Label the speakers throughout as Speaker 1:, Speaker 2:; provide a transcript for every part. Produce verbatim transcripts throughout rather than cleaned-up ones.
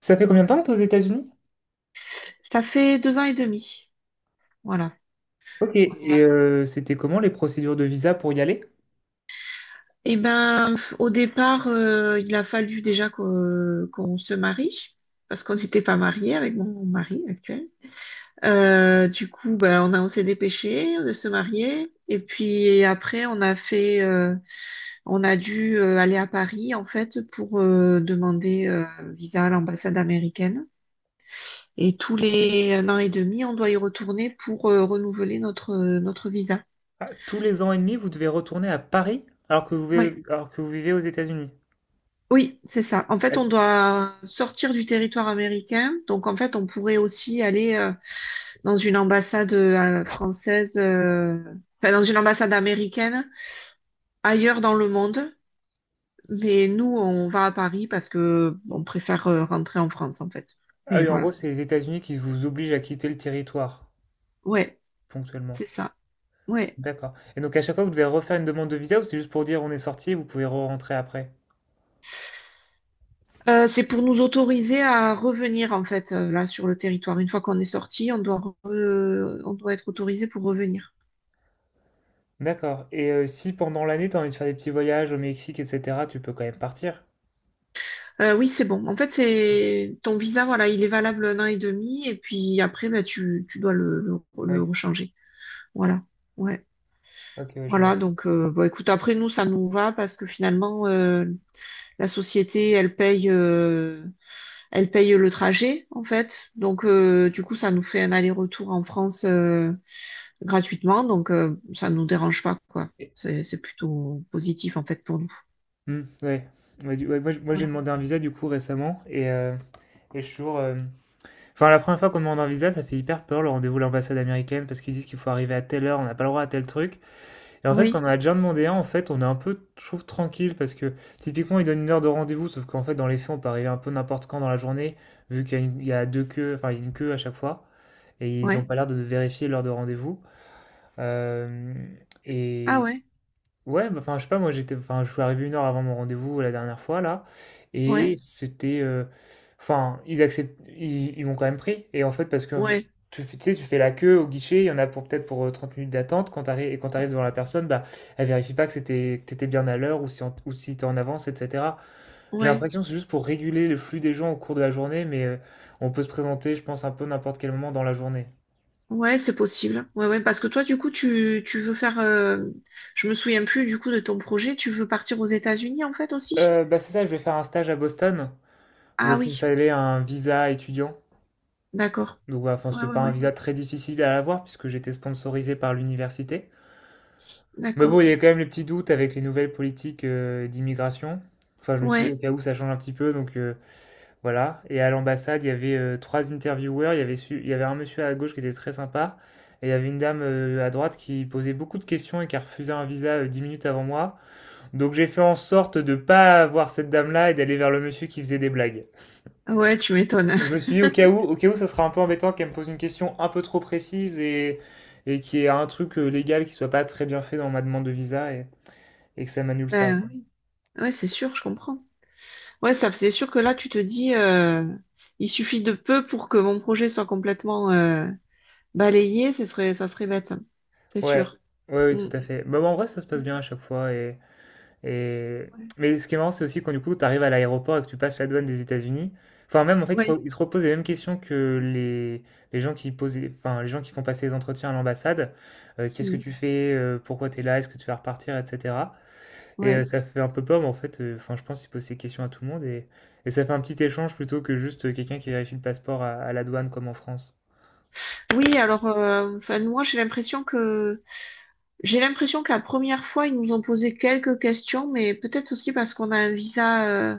Speaker 1: Ça fait combien de temps que tu es aux États-Unis?
Speaker 2: Ça fait deux ans et demi. Voilà.
Speaker 1: Ok, et euh, c'était comment les procédures de visa pour y aller?
Speaker 2: Eh ben, au départ, euh, il a fallu déjà qu'on qu'on se marie, parce qu'on n'était pas mariés avec mon mari actuel. Euh, du coup, ben, on a, on s'est dépêché de se marier. Et puis après, on a fait, euh, on a dû euh, aller à Paris, en fait, pour euh, demander euh, visa à l'ambassade américaine. Et tous les un an et demi, on doit y retourner pour euh, renouveler notre, notre visa.
Speaker 1: Ah, tous les ans et demi, vous devez retourner à Paris alors que vous
Speaker 2: Ouais.
Speaker 1: vivez, alors que vous vivez aux États-Unis.
Speaker 2: Oui, c'est ça. En fait,
Speaker 1: Ah
Speaker 2: on doit sortir du territoire américain. Donc, en fait, on pourrait aussi aller euh, dans une ambassade euh, française, euh, enfin, dans une ambassade américaine ailleurs dans le monde. Mais nous, on va à Paris parce que on préfère euh, rentrer en France, en fait.
Speaker 1: ah
Speaker 2: Mais
Speaker 1: oui, en
Speaker 2: voilà.
Speaker 1: gros, c'est les États-Unis qui vous obligent à quitter le territoire
Speaker 2: Ouais,
Speaker 1: ponctuellement.
Speaker 2: c'est ça. Ouais.
Speaker 1: D'accord. Et donc à chaque fois, vous devez refaire une demande de visa ou c'est juste pour dire on est sorti et vous pouvez re-rentrer après?
Speaker 2: Euh, c'est pour nous autoriser à revenir, en fait, euh, là, sur le territoire. Une fois qu'on est sorti, on doit, re- on doit être autorisé pour revenir.
Speaker 1: D'accord. Et euh, si pendant l'année, t'as envie de faire des petits voyages au Mexique, et cetera, tu peux quand même partir?
Speaker 2: Euh, oui, c'est bon. En fait, c'est ton visa, voilà, il est valable un an et demi, et puis après, bah, tu, tu dois le, le, le
Speaker 1: Oui.
Speaker 2: rechanger. Voilà. Ouais.
Speaker 1: Ok, oui, je vois.
Speaker 2: Voilà. Donc, euh, bah, écoute, après nous, ça nous va parce que finalement, euh, la société, elle paye, euh, elle paye le trajet, en fait. Donc, euh, du coup, ça nous fait un aller-retour en France euh, gratuitement, donc euh, ça nous dérange pas, quoi. C'est, c'est plutôt positif, en fait, pour nous.
Speaker 1: Mmh, ouais. Ouais, du ouais, moi, j moi, j'ai
Speaker 2: Voilà.
Speaker 1: demandé un visa, du coup, récemment, et, heu, et je suis toujours, hem enfin, la première fois qu'on demande un visa, ça fait hyper peur, le rendez-vous à l'ambassade américaine, parce qu'ils disent qu'il faut arriver à telle heure, on n'a pas le droit à tel truc et en fait, quand
Speaker 2: Oui.
Speaker 1: on a déjà demandé un, en fait, on est un peu, je trouve, tranquille parce que, typiquement, ils donnent une heure de rendez-vous, sauf qu'en fait, dans les faits, on peut arriver un peu n'importe quand dans la journée, vu qu'il y a une il y a deux queues, enfin, il y a une queue à chaque fois et ils ont
Speaker 2: Ouais.
Speaker 1: pas l'air de vérifier l'heure de rendez-vous, hem
Speaker 2: Ah
Speaker 1: et...
Speaker 2: ouais.
Speaker 1: Ouais, bah, enfin, je sais pas, moi j'étais, enfin, je suis arrivé une heure avant mon rendez-vous la dernière fois là, et
Speaker 2: Ouais.
Speaker 1: c'était, euh, enfin, ils acceptent, ils, ils m'ont quand même pris, et en fait, parce que euh,
Speaker 2: Ouais.
Speaker 1: tu, fais- tu sais, tu fais la queue au guichet, il y en a pour peut-être pour euh, trente minutes d'attente, quand t'arrives, et quand t'arrives devant la personne, bah, elle vérifie pas que c'était, que t'étais bien à l'heure, ou si, en- ou si t'es en avance, et cetera. J'ai
Speaker 2: Ouais.
Speaker 1: l'impression que c'est juste pour réguler le flux des gens au cours de la journée, mais euh, on peut se présenter, je pense, un peu n'importe quel moment dans la journée.
Speaker 2: Ouais, c'est possible. Ouais, ouais, parce que toi, du coup, tu, tu veux faire. Euh, je me souviens plus du coup de ton projet. Tu veux partir aux États-Unis en fait aussi?
Speaker 1: Euh, bah, c'est ça, je vais faire un stage à Boston,
Speaker 2: Ah
Speaker 1: donc il me
Speaker 2: oui,
Speaker 1: fallait un visa étudiant.
Speaker 2: d'accord.
Speaker 1: Donc voilà, enfin,
Speaker 2: Ouais,
Speaker 1: c'était
Speaker 2: ouais,
Speaker 1: pas un
Speaker 2: ouais,
Speaker 1: visa très difficile à avoir puisque j'étais sponsorisé par l'université. Mais
Speaker 2: d'accord.
Speaker 1: bon, il y a quand même les petits doutes avec les nouvelles politiques euh, d'immigration. Enfin, je me suis dit au
Speaker 2: Ouais,
Speaker 1: cas où ça change un petit peu, donc euh, voilà. Et à l'ambassade, il y avait euh, trois intervieweurs. Il y avait, su- il y avait un monsieur à gauche qui était très sympa. Et il y avait une dame euh, à droite qui posait beaucoup de questions et qui a refusé un visa euh, dix minutes avant moi. Donc j'ai fait en sorte de pas voir cette dame-là et d'aller vers le monsieur qui faisait des blagues.
Speaker 2: ouais, tu m'étonnes.
Speaker 1: Je me suis dit au cas où, au cas où, ça sera un peu embêtant qu'elle me pose une question un peu trop précise et, et qu'il y ait un truc euh, légal qui soit pas très bien fait dans ma demande de visa et, et que ça m'annule ça.
Speaker 2: Ben oui. Ouais, c'est sûr, je comprends. Ouais, ça, c'est sûr que là, tu te dis, euh, il suffit de peu pour que mon projet soit complètement euh, balayé. Ce serait, ça serait bête. C'est
Speaker 1: Ouais,
Speaker 2: sûr.
Speaker 1: ouais, oui, tout
Speaker 2: Mm.
Speaker 1: à fait. Bah, bah, en vrai, ça se passe
Speaker 2: Ouais.
Speaker 1: bien à chaque fois. Et, et...
Speaker 2: Ouais.
Speaker 1: Mais ce qui est marrant, c'est aussi quand du coup, tu arrives à l'aéroport et que tu passes la douane des États-Unis. Enfin, même en fait, ils te re-
Speaker 2: Ouais.
Speaker 1: ils te reposent les mêmes questions que les, les gens qui posent, les- enfin, les gens qui font passer les entretiens à l'ambassade. Euh, qu'est-ce que
Speaker 2: Mm.
Speaker 1: tu fais? euh, pourquoi tu es là? Est-ce que tu vas repartir? Etc. Et heu,
Speaker 2: Ouais.
Speaker 1: ça fait un peu peur, mais en fait, heu, enfin, je pense il pose ces questions à tout le monde et et ça fait un petit échange plutôt que juste, heu, quelqu'un qui vérifie le passeport à à la douane comme en France.
Speaker 2: Oui, alors, euh, enfin, moi, j'ai l'impression que j'ai l'impression que la première fois, ils nous ont posé quelques questions, mais peut-être aussi parce qu'on a un visa, euh,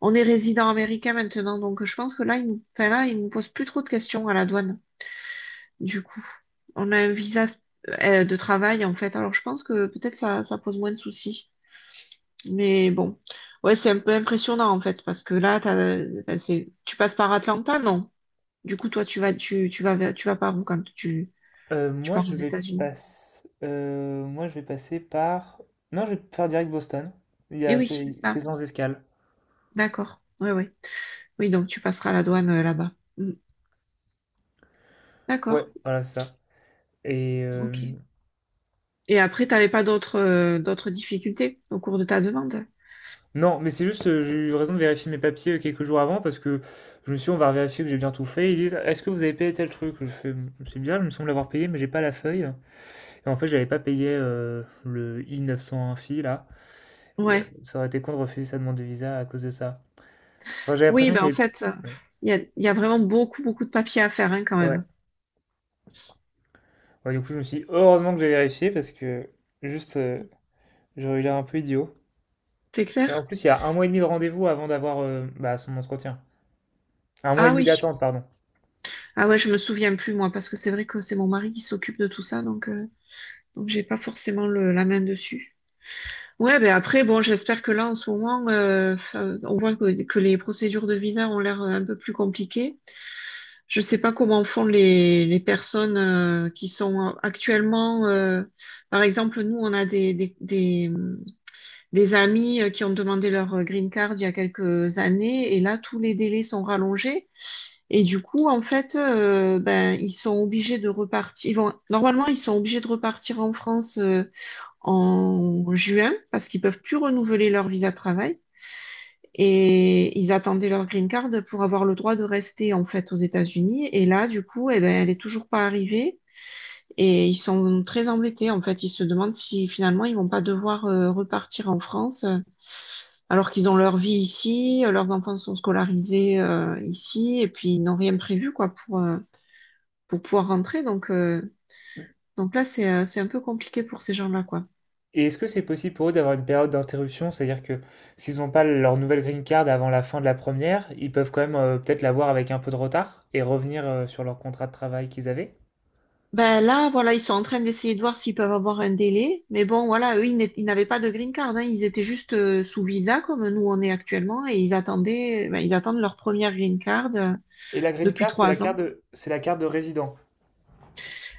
Speaker 2: on est résident américain maintenant, donc je pense que là, ils nous, enfin là, ils nous posent plus trop de questions à la douane. Du coup, on a un visa euh, de travail en fait, alors je pense que peut-être ça, ça pose moins de soucis. Mais bon, ouais, c'est un peu impressionnant en fait, parce que là, t'as, enfin, c'est, tu passes par Atlanta, non? Du coup, toi, tu vas, tu, tu vas, vers- tu vas par où quand tu,
Speaker 1: Heu,
Speaker 2: tu
Speaker 1: moi
Speaker 2: pars aux
Speaker 1: je vais
Speaker 2: États-Unis?
Speaker 1: passer, moi je vais passer par non, je vais faire direct Boston. Il y
Speaker 2: Eh
Speaker 1: a
Speaker 2: oui,
Speaker 1: c'est
Speaker 2: c'est ça.
Speaker 1: c'est sans escale.
Speaker 2: D'accord. Ouais, ouais. Oui, donc tu passeras la douane euh, là-bas. Mm. D'accord,
Speaker 1: Ouais, voilà, c'est ça et
Speaker 2: ok.
Speaker 1: hem,
Speaker 2: Et après, t'avais pas d'autres euh, d'autres difficultés au cours de ta demande?
Speaker 1: non, mais c'est juste, heu, j'ai eu raison de vérifier mes papiers, heu, quelques jours avant parce que je me suis dit: «On va vérifier que j'ai bien tout fait». Ils disent: «Est-ce que vous avez payé tel truc?» Je fais: «Mmh, c'est bien, il me semble l'avoir payé, mais j'ai pas la feuille». Et en fait, j'avais pas payé, heu, le I neuf cent un Phi là et heu,
Speaker 2: Ouais.
Speaker 1: ça aurait été con de refuser sa demande de visa à cause de ça. Enfin, j'avais
Speaker 2: Oui,
Speaker 1: l'impression Mmh
Speaker 2: ben
Speaker 1: qu'il y
Speaker 2: en
Speaker 1: avait...
Speaker 2: fait, euh, il y a, il y a vraiment beaucoup, beaucoup de papiers à faire hein, quand
Speaker 1: Ouais, ouais.
Speaker 2: même.
Speaker 1: Ouais, du coup, je me suis dit: «Heureusement que j'ai vérifié» parce que juste, heu, j'aurais eu l'air un peu idiot.
Speaker 2: C'est
Speaker 1: Et en
Speaker 2: clair?
Speaker 1: plus, il y a un mois et demi de rendez-vous avant d'avoir, heu, bah, son entretien. Un mois et
Speaker 2: Ah
Speaker 1: demi
Speaker 2: oui.
Speaker 1: d'attente, pardon.
Speaker 2: Ah ouais, je me souviens plus moi, parce que c'est vrai que c'est mon mari qui s'occupe de tout ça, donc, euh, donc j'ai pas forcément le- la main dessus. Ouais, ben après, bon, j'espère que là, en ce moment, euh, f- euh, on voit que, que les procédures de visa ont l'air euh, un peu plus compliquées. Je ne sais pas comment font les, les personnes euh, qui sont actuellement, euh, par exemple, nous, on a des, des, des, des amis euh, qui ont demandé leur euh, green card il y a quelques années, et là, tous les délais sont rallongés. Et du coup, en fait, euh, ben, ils sont obligés de repartir. Ils vont, normalement, ils sont obligés de repartir en France euh, en juin parce qu'ils peuvent plus renouveler leur visa de travail. Et ils attendaient leur green card pour avoir le droit de rester en fait aux États-Unis. Et là, du coup, eh ben, elle est toujours pas arrivée. Et ils sont très embêtés. En fait, ils se demandent si finalement ils vont pas devoir euh, repartir en France, euh, alors qu'ils ont leur vie ici, euh, leurs enfants sont scolarisés euh, ici, et puis ils n'ont rien prévu quoi pour euh, pour pouvoir rentrer. Donc euh, donc là, c'est euh, c'est un peu compliqué pour ces gens-là quoi.
Speaker 1: Et est-ce que c'est possible pour eux d'avoir une période d'interruption? C'est-à-dire que s'ils n'ont pas leur nouvelle green card avant la fin de la première, ils peuvent quand même, heu, peut-être l'avoir avec un peu de retard et revenir, heu, sur leur contrat de travail qu'ils avaient?
Speaker 2: Ben là, voilà, ils sont en train d'essayer de voir s'ils peuvent avoir un délai. Mais bon, voilà, eux, ils n'ét- ils n'avaient pas de green card, hein. Ils étaient juste euh, sous visa, comme nous on est actuellement, et ils attendaient, ben, ils attendent leur première green card euh,
Speaker 1: Et la green
Speaker 2: depuis
Speaker 1: card, c'est la
Speaker 2: trois ans.
Speaker 1: carte de, c'est la carte de résident.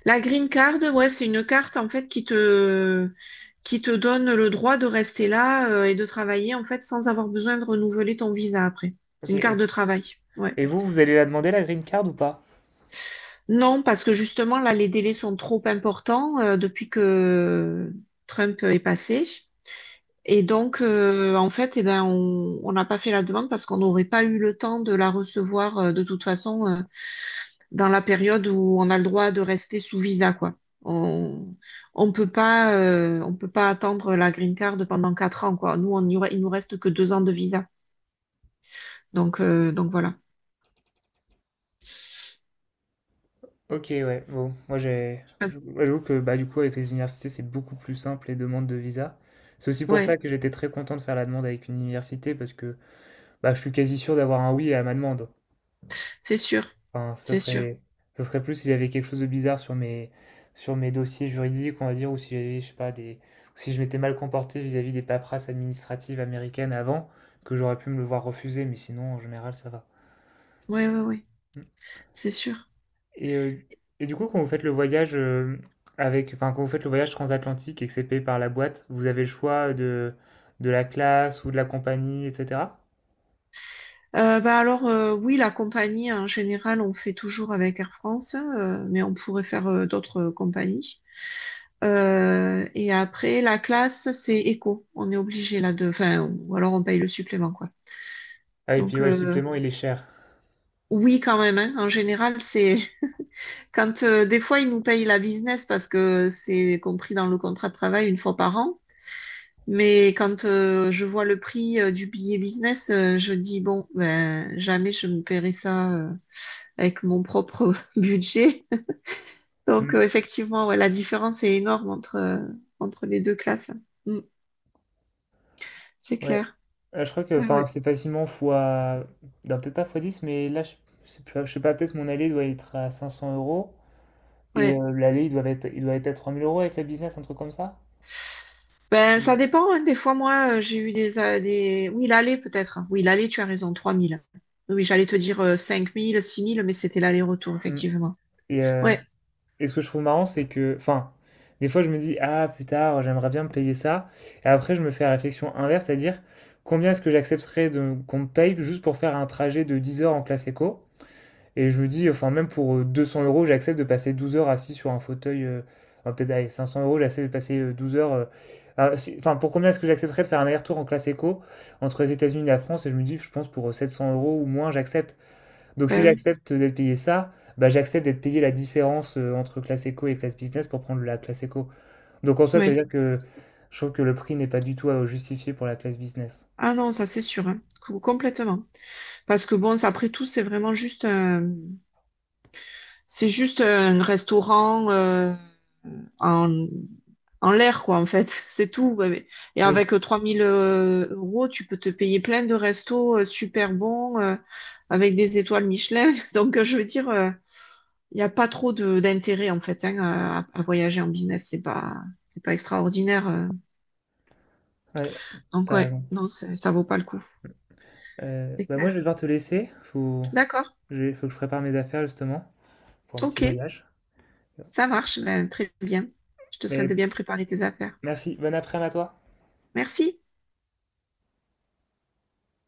Speaker 2: La green card, ouais, c'est une carte, en fait, qui te, qui te donne le droit de rester là, euh, et de travailler, en fait, sans avoir besoin de renouveler ton visa après. C'est
Speaker 1: Ok.
Speaker 2: une
Speaker 1: Et,
Speaker 2: carte de travail. Ouais.
Speaker 1: et vous, vous allez la demander la green card ou pas?
Speaker 2: Non, parce que justement, là, les délais sont trop importants, euh, depuis que Trump est passé. Et donc, euh, en fait, eh ben, on on n'a pas fait la demande parce qu'on n'aurait pas eu le temps de la recevoir euh, de toute façon euh, dans la période où on a le droit de rester sous visa, quoi. On on peut pas euh, on peut pas attendre la green card pendant quatre ans, quoi. Nous, on y aura- il nous reste que deux ans de visa. Donc euh, donc voilà.
Speaker 1: Ok, ouais. Bon, moi j'ai,
Speaker 2: Euh,
Speaker 1: je- moi, j'avoue que bah du coup avec les universités, c'est beaucoup plus simple les demandes de visa. C'est aussi pour ça
Speaker 2: Ouais,
Speaker 1: que j'étais très content de faire la demande avec une université parce que bah je suis quasi sûr d'avoir un oui à ma demande.
Speaker 2: c'est sûr,
Speaker 1: Enfin, ça
Speaker 2: c'est sûr.
Speaker 1: serait, ça serait plus s'il y avait quelque chose de bizarre sur mes, sur mes dossiers juridiques, on va dire, ou si j'avais, je sais pas, des, ou si je m'étais mal comporté vis-à-vis des paperasses administratives américaines avant, que j'aurais pu me le voir refuser, mais sinon, en général, ça va.
Speaker 2: Ouais ouais ouais, c'est sûr.
Speaker 1: Et, euh, et du coup, quand vous faites le voyage euh, avec, enfin, quand vous faites le voyage transatlantique et que c'est payé par la boîte, vous avez le choix de, de la classe ou de la compagnie, et cetera.
Speaker 2: Euh, bah alors euh, oui, la compagnie en général, on fait toujours avec Air France, euh, mais on pourrait faire euh, d'autres euh, compagnies. Euh, et après, la classe, c'est éco. On est obligé là de… Enfin, ou alors on paye le supplément, quoi.
Speaker 1: Ah, et puis
Speaker 2: Donc,
Speaker 1: ouais, le
Speaker 2: euh,
Speaker 1: supplément, il est cher.
Speaker 2: oui, quand même, hein. En général, c'est… Quand euh, des fois, ils nous payent la business parce que c'est compris dans le contrat de travail une fois par an. Mais quand euh, je vois le prix euh, du billet business, euh, je dis, bon, ben, jamais je me paierai ça euh, avec mon propre budget. Donc,
Speaker 1: Hmm,
Speaker 2: euh, effectivement, ouais, la différence est énorme entre, euh, entre les deux classes. Mm, c'est
Speaker 1: ouais.
Speaker 2: clair.
Speaker 1: Euh, je crois que
Speaker 2: Ouais,
Speaker 1: enfin,
Speaker 2: ouais.
Speaker 1: c'est facilement fois. Non, peut-être pas fois dix mais là, je je sais plus, je sais pas, peut-être mon aller doit être à cinq cents euros. Et
Speaker 2: Ouais.
Speaker 1: euh, l'aller, il doit être, il doit être à trois mille euros avec la business, un truc comme ça.
Speaker 2: Ben, ça
Speaker 1: Ouais.
Speaker 2: dépend, hein. Des fois, moi, euh, j'ai eu des, euh, des… Oui, l'aller, peut-être. Oui, l'aller, tu as raison, trois mille. Oui, oui, j'allais te dire euh, cinq mille, six mille mais c'était l'aller-retour,
Speaker 1: Mm.
Speaker 2: effectivement.
Speaker 1: Et, euh,
Speaker 2: Ouais,
Speaker 1: et ce que je trouve marrant, c'est que, enfin, des fois je me dis, ah, plus tard, j'aimerais bien me payer ça. Et après, je me fais la réflexion inverse, c'est-à-dire, combien est-ce que j'accepterais de, qu'on me paye juste pour faire un trajet de dix heures en classe éco? Et je me dis, enfin, même pour euh, deux cents euros, j'accepte de passer douze heures assis sur un fauteuil. Euh, enfin, peut-être, allez, cinq cents euros, j'accepte de passer euh, douze heures. euh, ah, si- Enfin, pour combien est-ce que j'accepterais de faire un aller-retour en classe éco entre les États-Unis et la France? Et je me dis, je pense pour euh, sept cents euros ou moins, j'accepte. Donc, si
Speaker 2: ben oui,
Speaker 1: j'accepte d'être payé ça, bah, j'accepte d'être payé la différence euh, entre classe éco et classe business pour prendre la classe éco. Donc, en soi, ça veut
Speaker 2: ouais.
Speaker 1: dire que je trouve que le prix n'est pas du tout euh, justifié pour la classe business.
Speaker 2: Ah non, ça, c'est sûr, hein. Co- Complètement. Parce que bon, ça, après tout, c'est vraiment juste un… C'est juste un restaurant euh, en, en l'air, quoi, en fait. C'est tout. Ouais, mais- Et
Speaker 1: Oui,
Speaker 2: avec euh, trois mille euros, tu peux te payer plein de restos euh, super bons euh, avec des étoiles Michelin. Donc, euh, je veux dire… euh, Il n'y a pas trop de d'intérêt en fait hein, à, à voyager en business, c'est pas c'est pas extraordinaire. euh.
Speaker 1: ouais,
Speaker 2: Donc
Speaker 1: t'as
Speaker 2: ouais,
Speaker 1: raison.
Speaker 2: non, ça ça vaut pas le coup,
Speaker 1: Euh,
Speaker 2: c'est
Speaker 1: bah, moi, je vais
Speaker 2: clair.
Speaker 1: devoir te laisser. Faut...
Speaker 2: D'accord,
Speaker 1: Il faut que je prépare mes affaires justement pour un petit
Speaker 2: ok,
Speaker 1: voyage.
Speaker 2: ça marche, ben, très bien. Je te souhaite
Speaker 1: Mais
Speaker 2: de bien préparer tes affaires.
Speaker 1: merci, bonne après-midi à toi.
Speaker 2: Merci.